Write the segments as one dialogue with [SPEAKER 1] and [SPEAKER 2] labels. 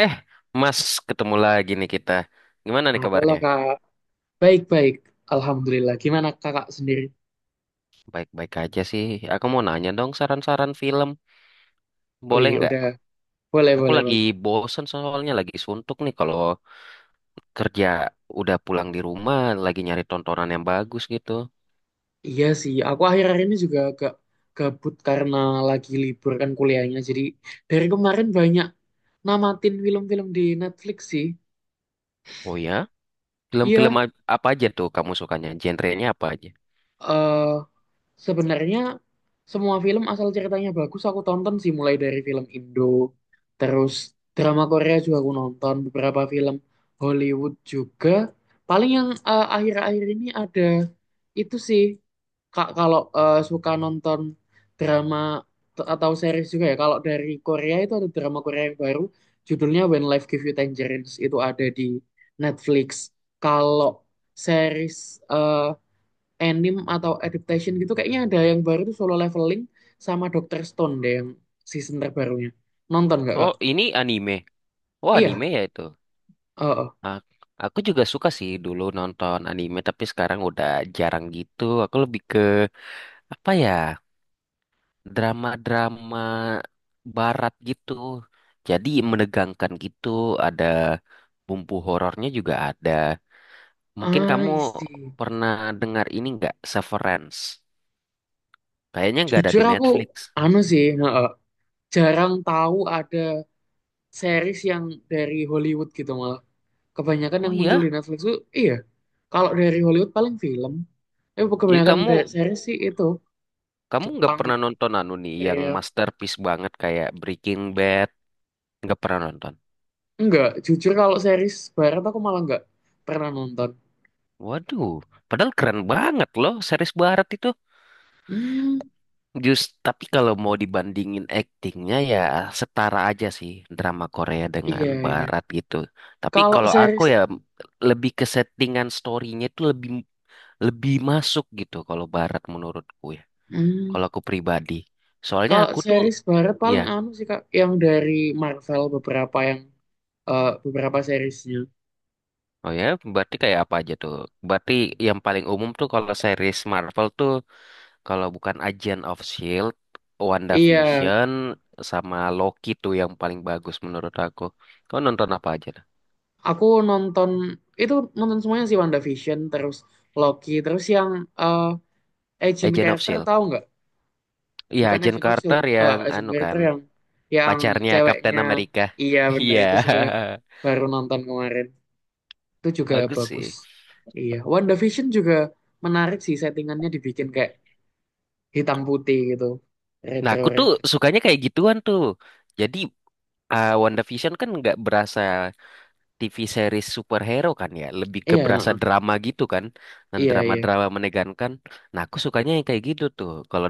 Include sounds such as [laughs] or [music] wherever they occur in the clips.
[SPEAKER 1] Eh, Mas, ketemu lagi nih kita. Gimana nih
[SPEAKER 2] Halo
[SPEAKER 1] kabarnya?
[SPEAKER 2] kak, baik-baik, alhamdulillah. Gimana kakak sendiri?
[SPEAKER 1] Baik-baik aja sih. Aku mau nanya dong saran-saran film.
[SPEAKER 2] Wih,
[SPEAKER 1] Boleh nggak?
[SPEAKER 2] udah boleh,
[SPEAKER 1] Aku
[SPEAKER 2] boleh,
[SPEAKER 1] lagi
[SPEAKER 2] boleh.
[SPEAKER 1] bosen soalnya lagi suntuk nih kalau kerja udah pulang di rumah lagi nyari tontonan yang bagus gitu.
[SPEAKER 2] Iya sih, aku akhir-akhir ini juga agak gabut karena lagi libur kan kuliahnya. Jadi dari kemarin banyak namatin film-film di Netflix sih.
[SPEAKER 1] Oh ya? Film-film
[SPEAKER 2] Iya,
[SPEAKER 1] apa aja tuh kamu sukanya? Genrenya apa aja?
[SPEAKER 2] eh sebenarnya semua film asal ceritanya bagus aku tonton sih, mulai dari film Indo, terus drama Korea juga aku nonton, beberapa film Hollywood juga. Paling yang akhir-akhir ini ada itu sih. Kak kalau suka nonton drama atau series juga ya. Kalau dari Korea itu ada drama Korea yang baru judulnya When Life Gives You Tangerines, itu ada di Netflix. Kalau series eh, anime atau adaptation gitu kayaknya ada yang baru tuh Solo Leveling sama Doctor Stone deh yang season terbarunya. Nonton nggak Kak?
[SPEAKER 1] Oh, ini anime. Oh, anime
[SPEAKER 2] Iya,
[SPEAKER 1] ya itu.
[SPEAKER 2] heeh.
[SPEAKER 1] Ah, aku juga suka sih dulu nonton anime, tapi sekarang udah jarang gitu. Aku lebih ke apa ya? Drama-drama barat gitu. Jadi menegangkan gitu, ada bumbu horornya juga ada. Mungkin kamu
[SPEAKER 2] I see.
[SPEAKER 1] pernah dengar ini nggak, Severance? Kayaknya nggak ada
[SPEAKER 2] Jujur
[SPEAKER 1] di
[SPEAKER 2] aku
[SPEAKER 1] Netflix.
[SPEAKER 2] anu sih, heeh. Jarang tahu ada series yang dari Hollywood gitu malah. Kebanyakan
[SPEAKER 1] Oh
[SPEAKER 2] yang muncul di
[SPEAKER 1] iya,
[SPEAKER 2] Netflix tuh iya. Kalau dari Hollywood paling film. Tapi
[SPEAKER 1] jadi
[SPEAKER 2] kebanyakan
[SPEAKER 1] kamu
[SPEAKER 2] dari series sih itu
[SPEAKER 1] kamu nggak
[SPEAKER 2] Jepang,
[SPEAKER 1] pernah nonton anu nih yang
[SPEAKER 2] Korea.
[SPEAKER 1] masterpiece banget kayak Breaking Bad, nggak pernah nonton.
[SPEAKER 2] Enggak, jujur kalau series barat aku malah enggak pernah nonton.
[SPEAKER 1] Waduh, padahal keren banget loh series barat itu.
[SPEAKER 2] Hmm.
[SPEAKER 1] Just tapi kalau mau dibandingin aktingnya ya setara aja sih drama Korea
[SPEAKER 2] Iya,
[SPEAKER 1] dengan
[SPEAKER 2] iya.
[SPEAKER 1] Barat gitu. Tapi
[SPEAKER 2] Kalau
[SPEAKER 1] kalau aku
[SPEAKER 2] series,
[SPEAKER 1] ya lebih ke settingan storynya itu lebih lebih masuk gitu kalau Barat menurutku ya.
[SPEAKER 2] hmm,
[SPEAKER 1] Kalau aku pribadi. Soalnya
[SPEAKER 2] kalau
[SPEAKER 1] aku tuh
[SPEAKER 2] series barat
[SPEAKER 1] ya,
[SPEAKER 2] paling anu sih Kak, yang dari Marvel beberapa yang beberapa seriesnya.
[SPEAKER 1] oh ya berarti kayak apa aja tuh? Berarti yang paling umum tuh kalau series Marvel tuh kalau bukan Agent of Shield,
[SPEAKER 2] Iya,
[SPEAKER 1] WandaVision sama Loki tuh yang paling bagus menurut aku. Kau nonton apa aja?
[SPEAKER 2] aku nonton itu nonton semuanya sih WandaVision, terus Loki, terus yang eh, Agent
[SPEAKER 1] Agent of
[SPEAKER 2] Carter
[SPEAKER 1] Shield.
[SPEAKER 2] tahu nggak?
[SPEAKER 1] Iya,
[SPEAKER 2] Bukan
[SPEAKER 1] Agent
[SPEAKER 2] Agent of Shield,
[SPEAKER 1] Carter
[SPEAKER 2] eh,
[SPEAKER 1] yang
[SPEAKER 2] Agent
[SPEAKER 1] anu
[SPEAKER 2] Carter
[SPEAKER 1] kan,
[SPEAKER 2] yang yang
[SPEAKER 1] pacarnya Kapten
[SPEAKER 2] ceweknya.
[SPEAKER 1] Amerika.
[SPEAKER 2] Iya,
[SPEAKER 1] [laughs]
[SPEAKER 2] bener
[SPEAKER 1] Iya,
[SPEAKER 2] itu juga baru nonton kemarin. Itu juga
[SPEAKER 1] bagus sih.
[SPEAKER 2] bagus. Iya, WandaVision juga menarik sih, settingannya dibikin kayak hitam putih gitu,
[SPEAKER 1] Nah,
[SPEAKER 2] retro
[SPEAKER 1] aku tuh
[SPEAKER 2] retro.
[SPEAKER 1] sukanya kayak gituan tuh. Jadi Wonder WandaVision kan nggak berasa TV series superhero kan ya, lebih ke
[SPEAKER 2] Iya
[SPEAKER 1] berasa
[SPEAKER 2] heeh.
[SPEAKER 1] drama gitu kan, dan
[SPEAKER 2] Iya iya
[SPEAKER 1] drama-drama menegangkan. Nah, aku sukanya yang kayak gitu tuh, kalau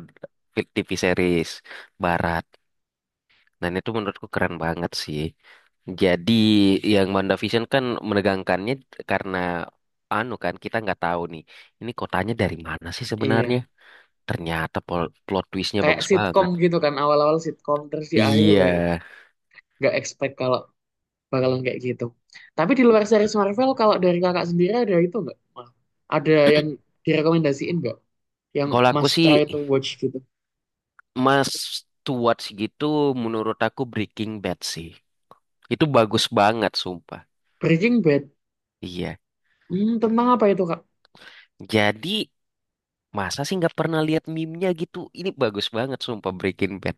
[SPEAKER 1] TV series barat. Dan itu menurutku keren banget sih. Jadi yang Banda Vision kan menegangkannya karena anu kan kita nggak tahu nih ini kotanya dari mana sih sebenarnya.
[SPEAKER 2] iya,
[SPEAKER 1] Ternyata plot twistnya
[SPEAKER 2] kayak
[SPEAKER 1] bagus
[SPEAKER 2] sitkom
[SPEAKER 1] banget.
[SPEAKER 2] gitu kan, awal-awal sitkom terus di akhir
[SPEAKER 1] Iya,
[SPEAKER 2] baru nggak expect kalau bakalan kayak gitu. Tapi di luar series Marvel kalau dari kakak sendiri ada itu nggak Mal? Ada yang direkomendasiin nggak, yang
[SPEAKER 1] kalau aku
[SPEAKER 2] must
[SPEAKER 1] sih
[SPEAKER 2] try to watch gitu.
[SPEAKER 1] Mas Stuart segitu menurut aku Breaking Bad sih. Itu bagus banget sumpah.
[SPEAKER 2] Breaking Bad,
[SPEAKER 1] Iya.
[SPEAKER 2] hmm, tentang apa itu kak?
[SPEAKER 1] Jadi masa sih nggak pernah lihat meme-nya gitu? Ini bagus banget sumpah Breaking Bad.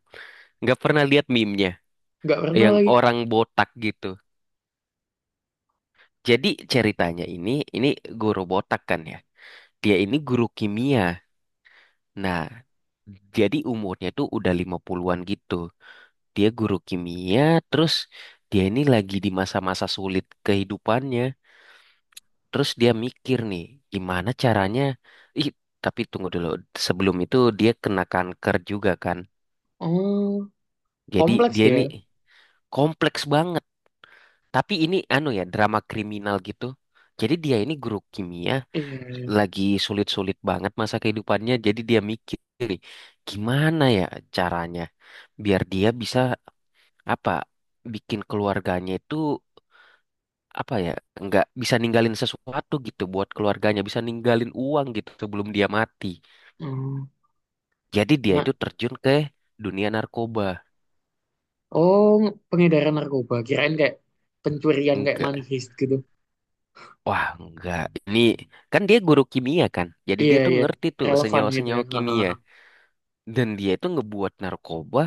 [SPEAKER 1] Nggak pernah lihat meme
[SPEAKER 2] Nggak pernah
[SPEAKER 1] yang
[SPEAKER 2] lagi.
[SPEAKER 1] orang botak gitu. Jadi ceritanya ini guru botak kan ya. Dia ini guru kimia. Nah, jadi umurnya tuh udah 50-an gitu. Dia guru kimia, terus dia ini lagi di masa-masa sulit kehidupannya. Terus dia mikir nih, gimana caranya? Ih, tapi tunggu dulu. Sebelum itu dia kena kanker juga kan.
[SPEAKER 2] Oh,
[SPEAKER 1] Jadi
[SPEAKER 2] kompleks
[SPEAKER 1] dia ini
[SPEAKER 2] dia.
[SPEAKER 1] kompleks banget. Tapi ini anu ya, drama kriminal gitu. Jadi dia ini guru kimia,
[SPEAKER 2] Iya iya.
[SPEAKER 1] lagi sulit-sulit banget masa kehidupannya jadi dia mikir nih, gimana ya caranya biar dia bisa apa bikin keluarganya itu apa ya nggak bisa ninggalin sesuatu gitu buat keluarganya bisa ninggalin uang gitu sebelum dia mati.
[SPEAKER 2] Oh,
[SPEAKER 1] Jadi dia
[SPEAKER 2] nggak-
[SPEAKER 1] itu terjun ke dunia narkoba.
[SPEAKER 2] oh, pengedaran narkoba, kirain kayak pencurian kayak money
[SPEAKER 1] Enggak,
[SPEAKER 2] heist gitu.
[SPEAKER 1] wah enggak, ini kan dia guru kimia kan jadi
[SPEAKER 2] Iya
[SPEAKER 1] dia tuh
[SPEAKER 2] iya,
[SPEAKER 1] ngerti tuh
[SPEAKER 2] relevan gitu ya.
[SPEAKER 1] senyawa-senyawa
[SPEAKER 2] Heeh.
[SPEAKER 1] kimia. Dan dia itu ngebuat narkoba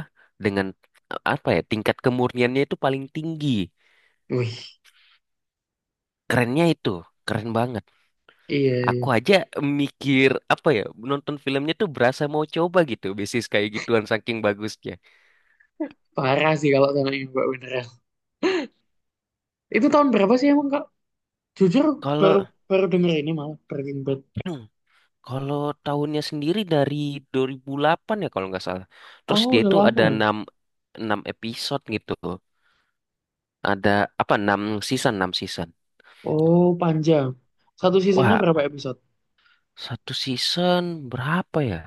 [SPEAKER 1] dengan apa ya tingkat kemurniannya itu paling tinggi.
[SPEAKER 2] Wih,
[SPEAKER 1] Kerennya itu, keren banget.
[SPEAKER 2] iya iya.
[SPEAKER 1] Aku aja mikir apa ya nonton filmnya tuh berasa mau coba gitu, basis kayak gituan saking bagusnya.
[SPEAKER 2] Parah sih kalau sama ini Mbak beneran. Itu tahun berapa sih emang Kak? Jujur baru
[SPEAKER 1] Kalau
[SPEAKER 2] baru denger ini malah Breaking Bad.
[SPEAKER 1] [clears throat] kalau tahunnya sendiri dari 2008 ya kalau nggak salah. Terus
[SPEAKER 2] Oh,
[SPEAKER 1] dia
[SPEAKER 2] udah
[SPEAKER 1] itu
[SPEAKER 2] lama
[SPEAKER 1] ada
[SPEAKER 2] ya.
[SPEAKER 1] 6 enam episode gitu. Ada apa 6 season, 6 season.
[SPEAKER 2] Oh, panjang. Satu seasonnya berapa
[SPEAKER 1] Wah,
[SPEAKER 2] episode?
[SPEAKER 1] satu season berapa ya?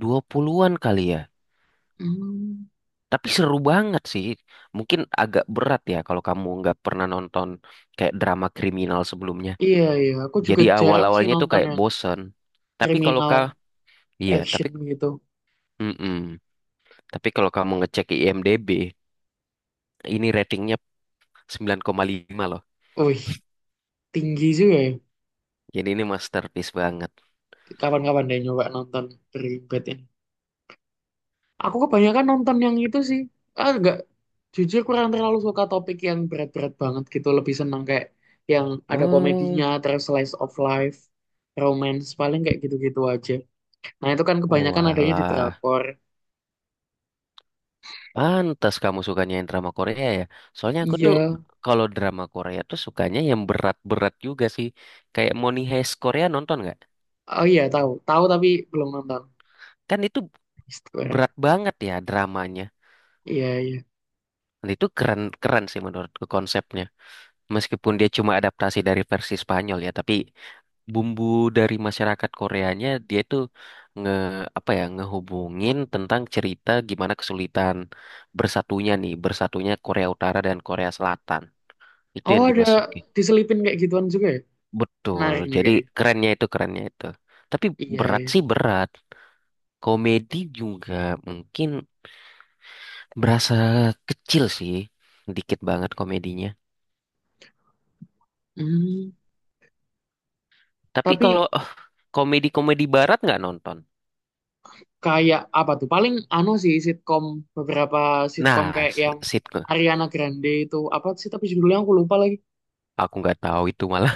[SPEAKER 1] 20-an kali ya.
[SPEAKER 2] Hmm,
[SPEAKER 1] Tapi seru banget sih. Mungkin agak berat ya kalau kamu nggak pernah nonton kayak drama kriminal sebelumnya.
[SPEAKER 2] iya iya, aku juga
[SPEAKER 1] Jadi
[SPEAKER 2] jarang sih
[SPEAKER 1] awal-awalnya tuh
[SPEAKER 2] nonton
[SPEAKER 1] kayak
[SPEAKER 2] yang
[SPEAKER 1] bosen. Tapi kalau
[SPEAKER 2] kriminal
[SPEAKER 1] kau, iya, tapi,
[SPEAKER 2] action gitu.
[SPEAKER 1] mm-mm. Tapi kalau kamu ngecek IMDb, ini ratingnya 9,5 loh.
[SPEAKER 2] Wih, tinggi juga ya.
[SPEAKER 1] Jadi ini masterpiece banget.
[SPEAKER 2] Kapan-kapan deh nyoba nonton Breaking Bad ini. Aku kebanyakan nonton yang itu sih. Ah, enggak, jujur kurang terlalu suka topik yang berat-berat banget gitu. Lebih senang kayak yang ada komedinya,
[SPEAKER 1] Oh,
[SPEAKER 2] terus slice of life, romance, paling kayak gitu-gitu aja. Nah, itu kan kebanyakan adanya di
[SPEAKER 1] walah.
[SPEAKER 2] drakor.
[SPEAKER 1] Pantas kamu sukanya yang drama Korea ya. Soalnya aku tuh
[SPEAKER 2] Iya,
[SPEAKER 1] kalau drama Korea tuh sukanya yang berat-berat juga sih. Kayak Money Heist Korea nonton nggak?
[SPEAKER 2] oh iya tahu, tahu tapi belum nonton.
[SPEAKER 1] Kan itu
[SPEAKER 2] Is that
[SPEAKER 1] berat banget ya dramanya.
[SPEAKER 2] iya iya.
[SPEAKER 1] Dan itu keren keren sih menurutku konsepnya. Meskipun dia cuma adaptasi dari versi Spanyol ya, tapi bumbu dari masyarakat Koreanya dia itu nge apa ya ngehubungin tentang cerita gimana kesulitan bersatunya nih, bersatunya Korea Utara dan Korea Selatan. Itu
[SPEAKER 2] Oh
[SPEAKER 1] yang
[SPEAKER 2] ada
[SPEAKER 1] dimasuki.
[SPEAKER 2] diselipin kayak gituan juga ya?
[SPEAKER 1] Betul.
[SPEAKER 2] Menarik nih
[SPEAKER 1] Jadi
[SPEAKER 2] kayaknya.
[SPEAKER 1] kerennya itu kerennya itu. Tapi
[SPEAKER 2] Iya
[SPEAKER 1] berat
[SPEAKER 2] iya.
[SPEAKER 1] sih berat. Komedi juga mungkin berasa kecil sih. Dikit banget komedinya.
[SPEAKER 2] Hmm.
[SPEAKER 1] Tapi
[SPEAKER 2] Tapi
[SPEAKER 1] kalau komedi-komedi barat nggak nonton?
[SPEAKER 2] kayak apa tuh paling anu sih sitkom, beberapa sitkom
[SPEAKER 1] Nah,
[SPEAKER 2] kayak
[SPEAKER 1] s-
[SPEAKER 2] yang
[SPEAKER 1] sitcom.
[SPEAKER 2] Ariana Grande itu apa sih tapi judulnya aku lupa lagi.
[SPEAKER 1] Aku nggak tahu itu malah.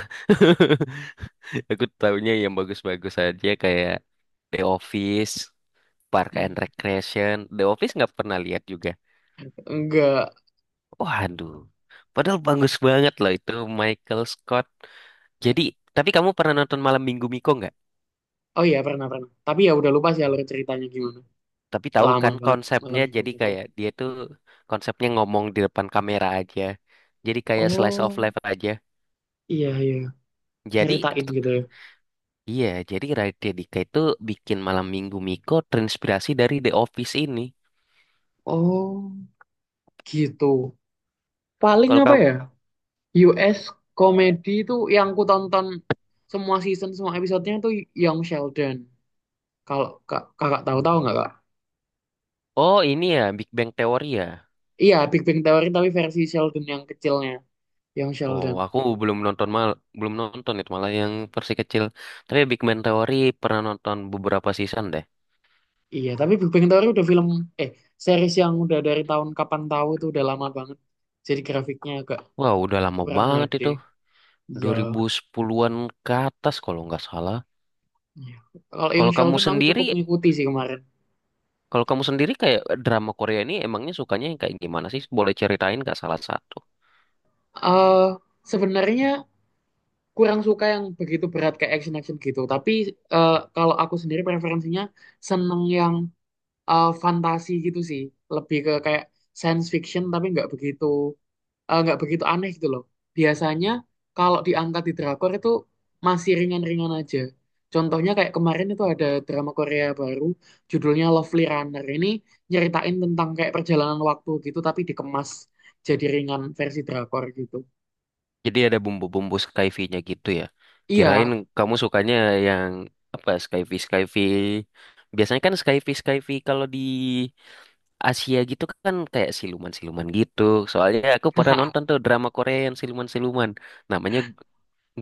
[SPEAKER 1] [laughs] Aku tahunya yang bagus-bagus aja kayak The Office, Park and
[SPEAKER 2] Hmm,
[SPEAKER 1] Recreation. The Office nggak pernah lihat juga.
[SPEAKER 2] enggak.
[SPEAKER 1] Waduh, padahal bagus banget loh itu Michael Scott. Jadi, tapi kamu pernah nonton Malam Minggu Miko nggak?
[SPEAKER 2] Oh iya pernah pernah, tapi ya udah lupa sih alur ceritanya gimana,
[SPEAKER 1] Tapi tahu
[SPEAKER 2] lama
[SPEAKER 1] kan
[SPEAKER 2] banget Malam
[SPEAKER 1] konsepnya
[SPEAKER 2] Minggu
[SPEAKER 1] jadi
[SPEAKER 2] Minggu.
[SPEAKER 1] kayak dia tuh konsepnya ngomong di depan kamera aja. Jadi kayak slice of
[SPEAKER 2] Oh
[SPEAKER 1] life aja.
[SPEAKER 2] iya iya,
[SPEAKER 1] Jadi
[SPEAKER 2] nyeritain gitu ya.
[SPEAKER 1] iya, jadi Raditya Dika itu bikin Malam Minggu Miko terinspirasi dari The Office ini.
[SPEAKER 2] Oh gitu. Paling
[SPEAKER 1] Kalau
[SPEAKER 2] apa
[SPEAKER 1] kamu,
[SPEAKER 2] ya, US komedi itu yang ku tonton semua season semua episodenya tuh Young Sheldon, kalau kak, kakak tahu tahu nggak kak?
[SPEAKER 1] oh ini ya Big Bang Theory ya.
[SPEAKER 2] Iya, Big Bang Theory tapi versi Sheldon yang kecilnya, yang
[SPEAKER 1] Oh,
[SPEAKER 2] Sheldon.
[SPEAKER 1] aku belum nonton mal, belum nonton itu malah yang versi kecil. Tapi Big Bang Theory pernah nonton beberapa season deh.
[SPEAKER 2] Iya, tapi Big Bang Theory udah film, eh, series yang udah dari tahun kapan tahu, itu udah lama banget. Jadi grafiknya agak
[SPEAKER 1] Wah, udah lama
[SPEAKER 2] kurang
[SPEAKER 1] banget
[SPEAKER 2] HD.
[SPEAKER 1] itu,
[SPEAKER 2] Iya.
[SPEAKER 1] 2010-an ke atas kalau nggak salah.
[SPEAKER 2] Iya. Kalau yang
[SPEAKER 1] Kalau kamu
[SPEAKER 2] Sheldon aku
[SPEAKER 1] sendiri,
[SPEAKER 2] cukup ngikuti sih kemarin.
[SPEAKER 1] kalau kamu sendiri kayak drama Korea ini emangnya sukanya yang kayak gimana sih? Boleh ceritain nggak salah satu?
[SPEAKER 2] eh Sebenarnya kurang suka yang begitu berat kayak action-action gitu. Tapi kalau aku sendiri preferensinya seneng yang fantasi gitu sih. Lebih ke kayak science fiction tapi nggak begitu. Eh, nggak begitu aneh gitu loh. Biasanya kalau diangkat di drakor itu masih ringan-ringan aja. Contohnya kayak kemarin itu ada drama Korea baru judulnya Lovely Runner. Ini nyeritain tentang kayak perjalanan waktu gitu tapi dikemas jadi ringan versi drakor gitu.
[SPEAKER 1] Jadi ada bumbu-bumbu skyfi-nya gitu ya. Kirain
[SPEAKER 2] Iya.
[SPEAKER 1] kamu sukanya yang apa skyfi skyfi. Biasanya kan skyfi skyfi kalau di Asia gitu kan kayak siluman-siluman gitu. Soalnya aku pernah nonton
[SPEAKER 2] [laughs]
[SPEAKER 1] tuh drama Korea yang siluman-siluman. Namanya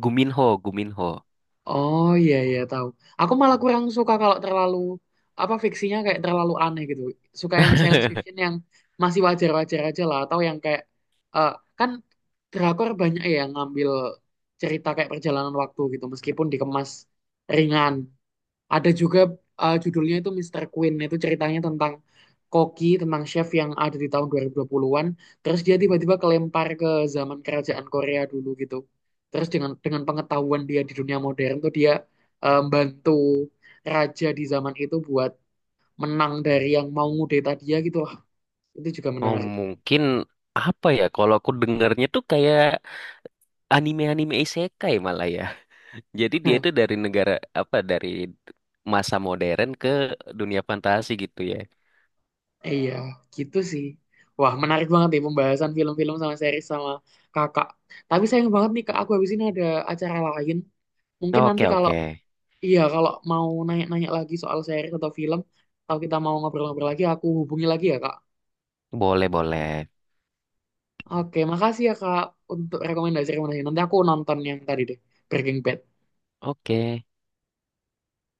[SPEAKER 1] Guminho, Guminho.
[SPEAKER 2] Oh iya iya tahu. Aku malah kurang suka kalau terlalu apa, fiksinya kayak terlalu aneh gitu. Suka yang science fiction
[SPEAKER 1] [laughs]
[SPEAKER 2] yang masih wajar-wajar aja lah, atau yang kayak eh, kan drakor banyak ya yang ngambil cerita kayak perjalanan waktu gitu meskipun dikemas ringan. Ada juga judulnya itu Mister Queen. Itu ceritanya tentang koki, tentang chef yang ada di tahun 2020-an. Terus dia tiba-tiba kelempar ke zaman kerajaan Korea dulu gitu. Terus dengan pengetahuan dia di dunia modern tuh dia bantu raja di zaman itu buat menang dari yang mau ngudeta dia gitu lah. Itu juga
[SPEAKER 1] Oh
[SPEAKER 2] menarik.
[SPEAKER 1] mungkin apa ya? Kalau aku dengarnya tuh kayak anime-anime isekai malah ya. [laughs] Jadi dia
[SPEAKER 2] Hah,
[SPEAKER 1] itu dari negara apa dari masa modern ke dunia fantasi gitu ya.
[SPEAKER 2] iya, gitu sih. Wah, menarik banget nih pembahasan film-film sama series sama kakak. Tapi sayang banget nih kak, aku habis ini ada acara lain. Mungkin nanti
[SPEAKER 1] Oke,
[SPEAKER 2] kalau
[SPEAKER 1] oke.
[SPEAKER 2] iya, kalau mau nanya-nanya lagi soal series atau film, kalau kita mau ngobrol-ngobrol lagi, aku hubungi lagi ya, Kak.
[SPEAKER 1] Boleh, boleh.
[SPEAKER 2] Oke, makasih ya, Kak, untuk rekomendasi-rekomendasi. Nanti aku nonton yang tadi deh, Breaking Bad.
[SPEAKER 1] Oke.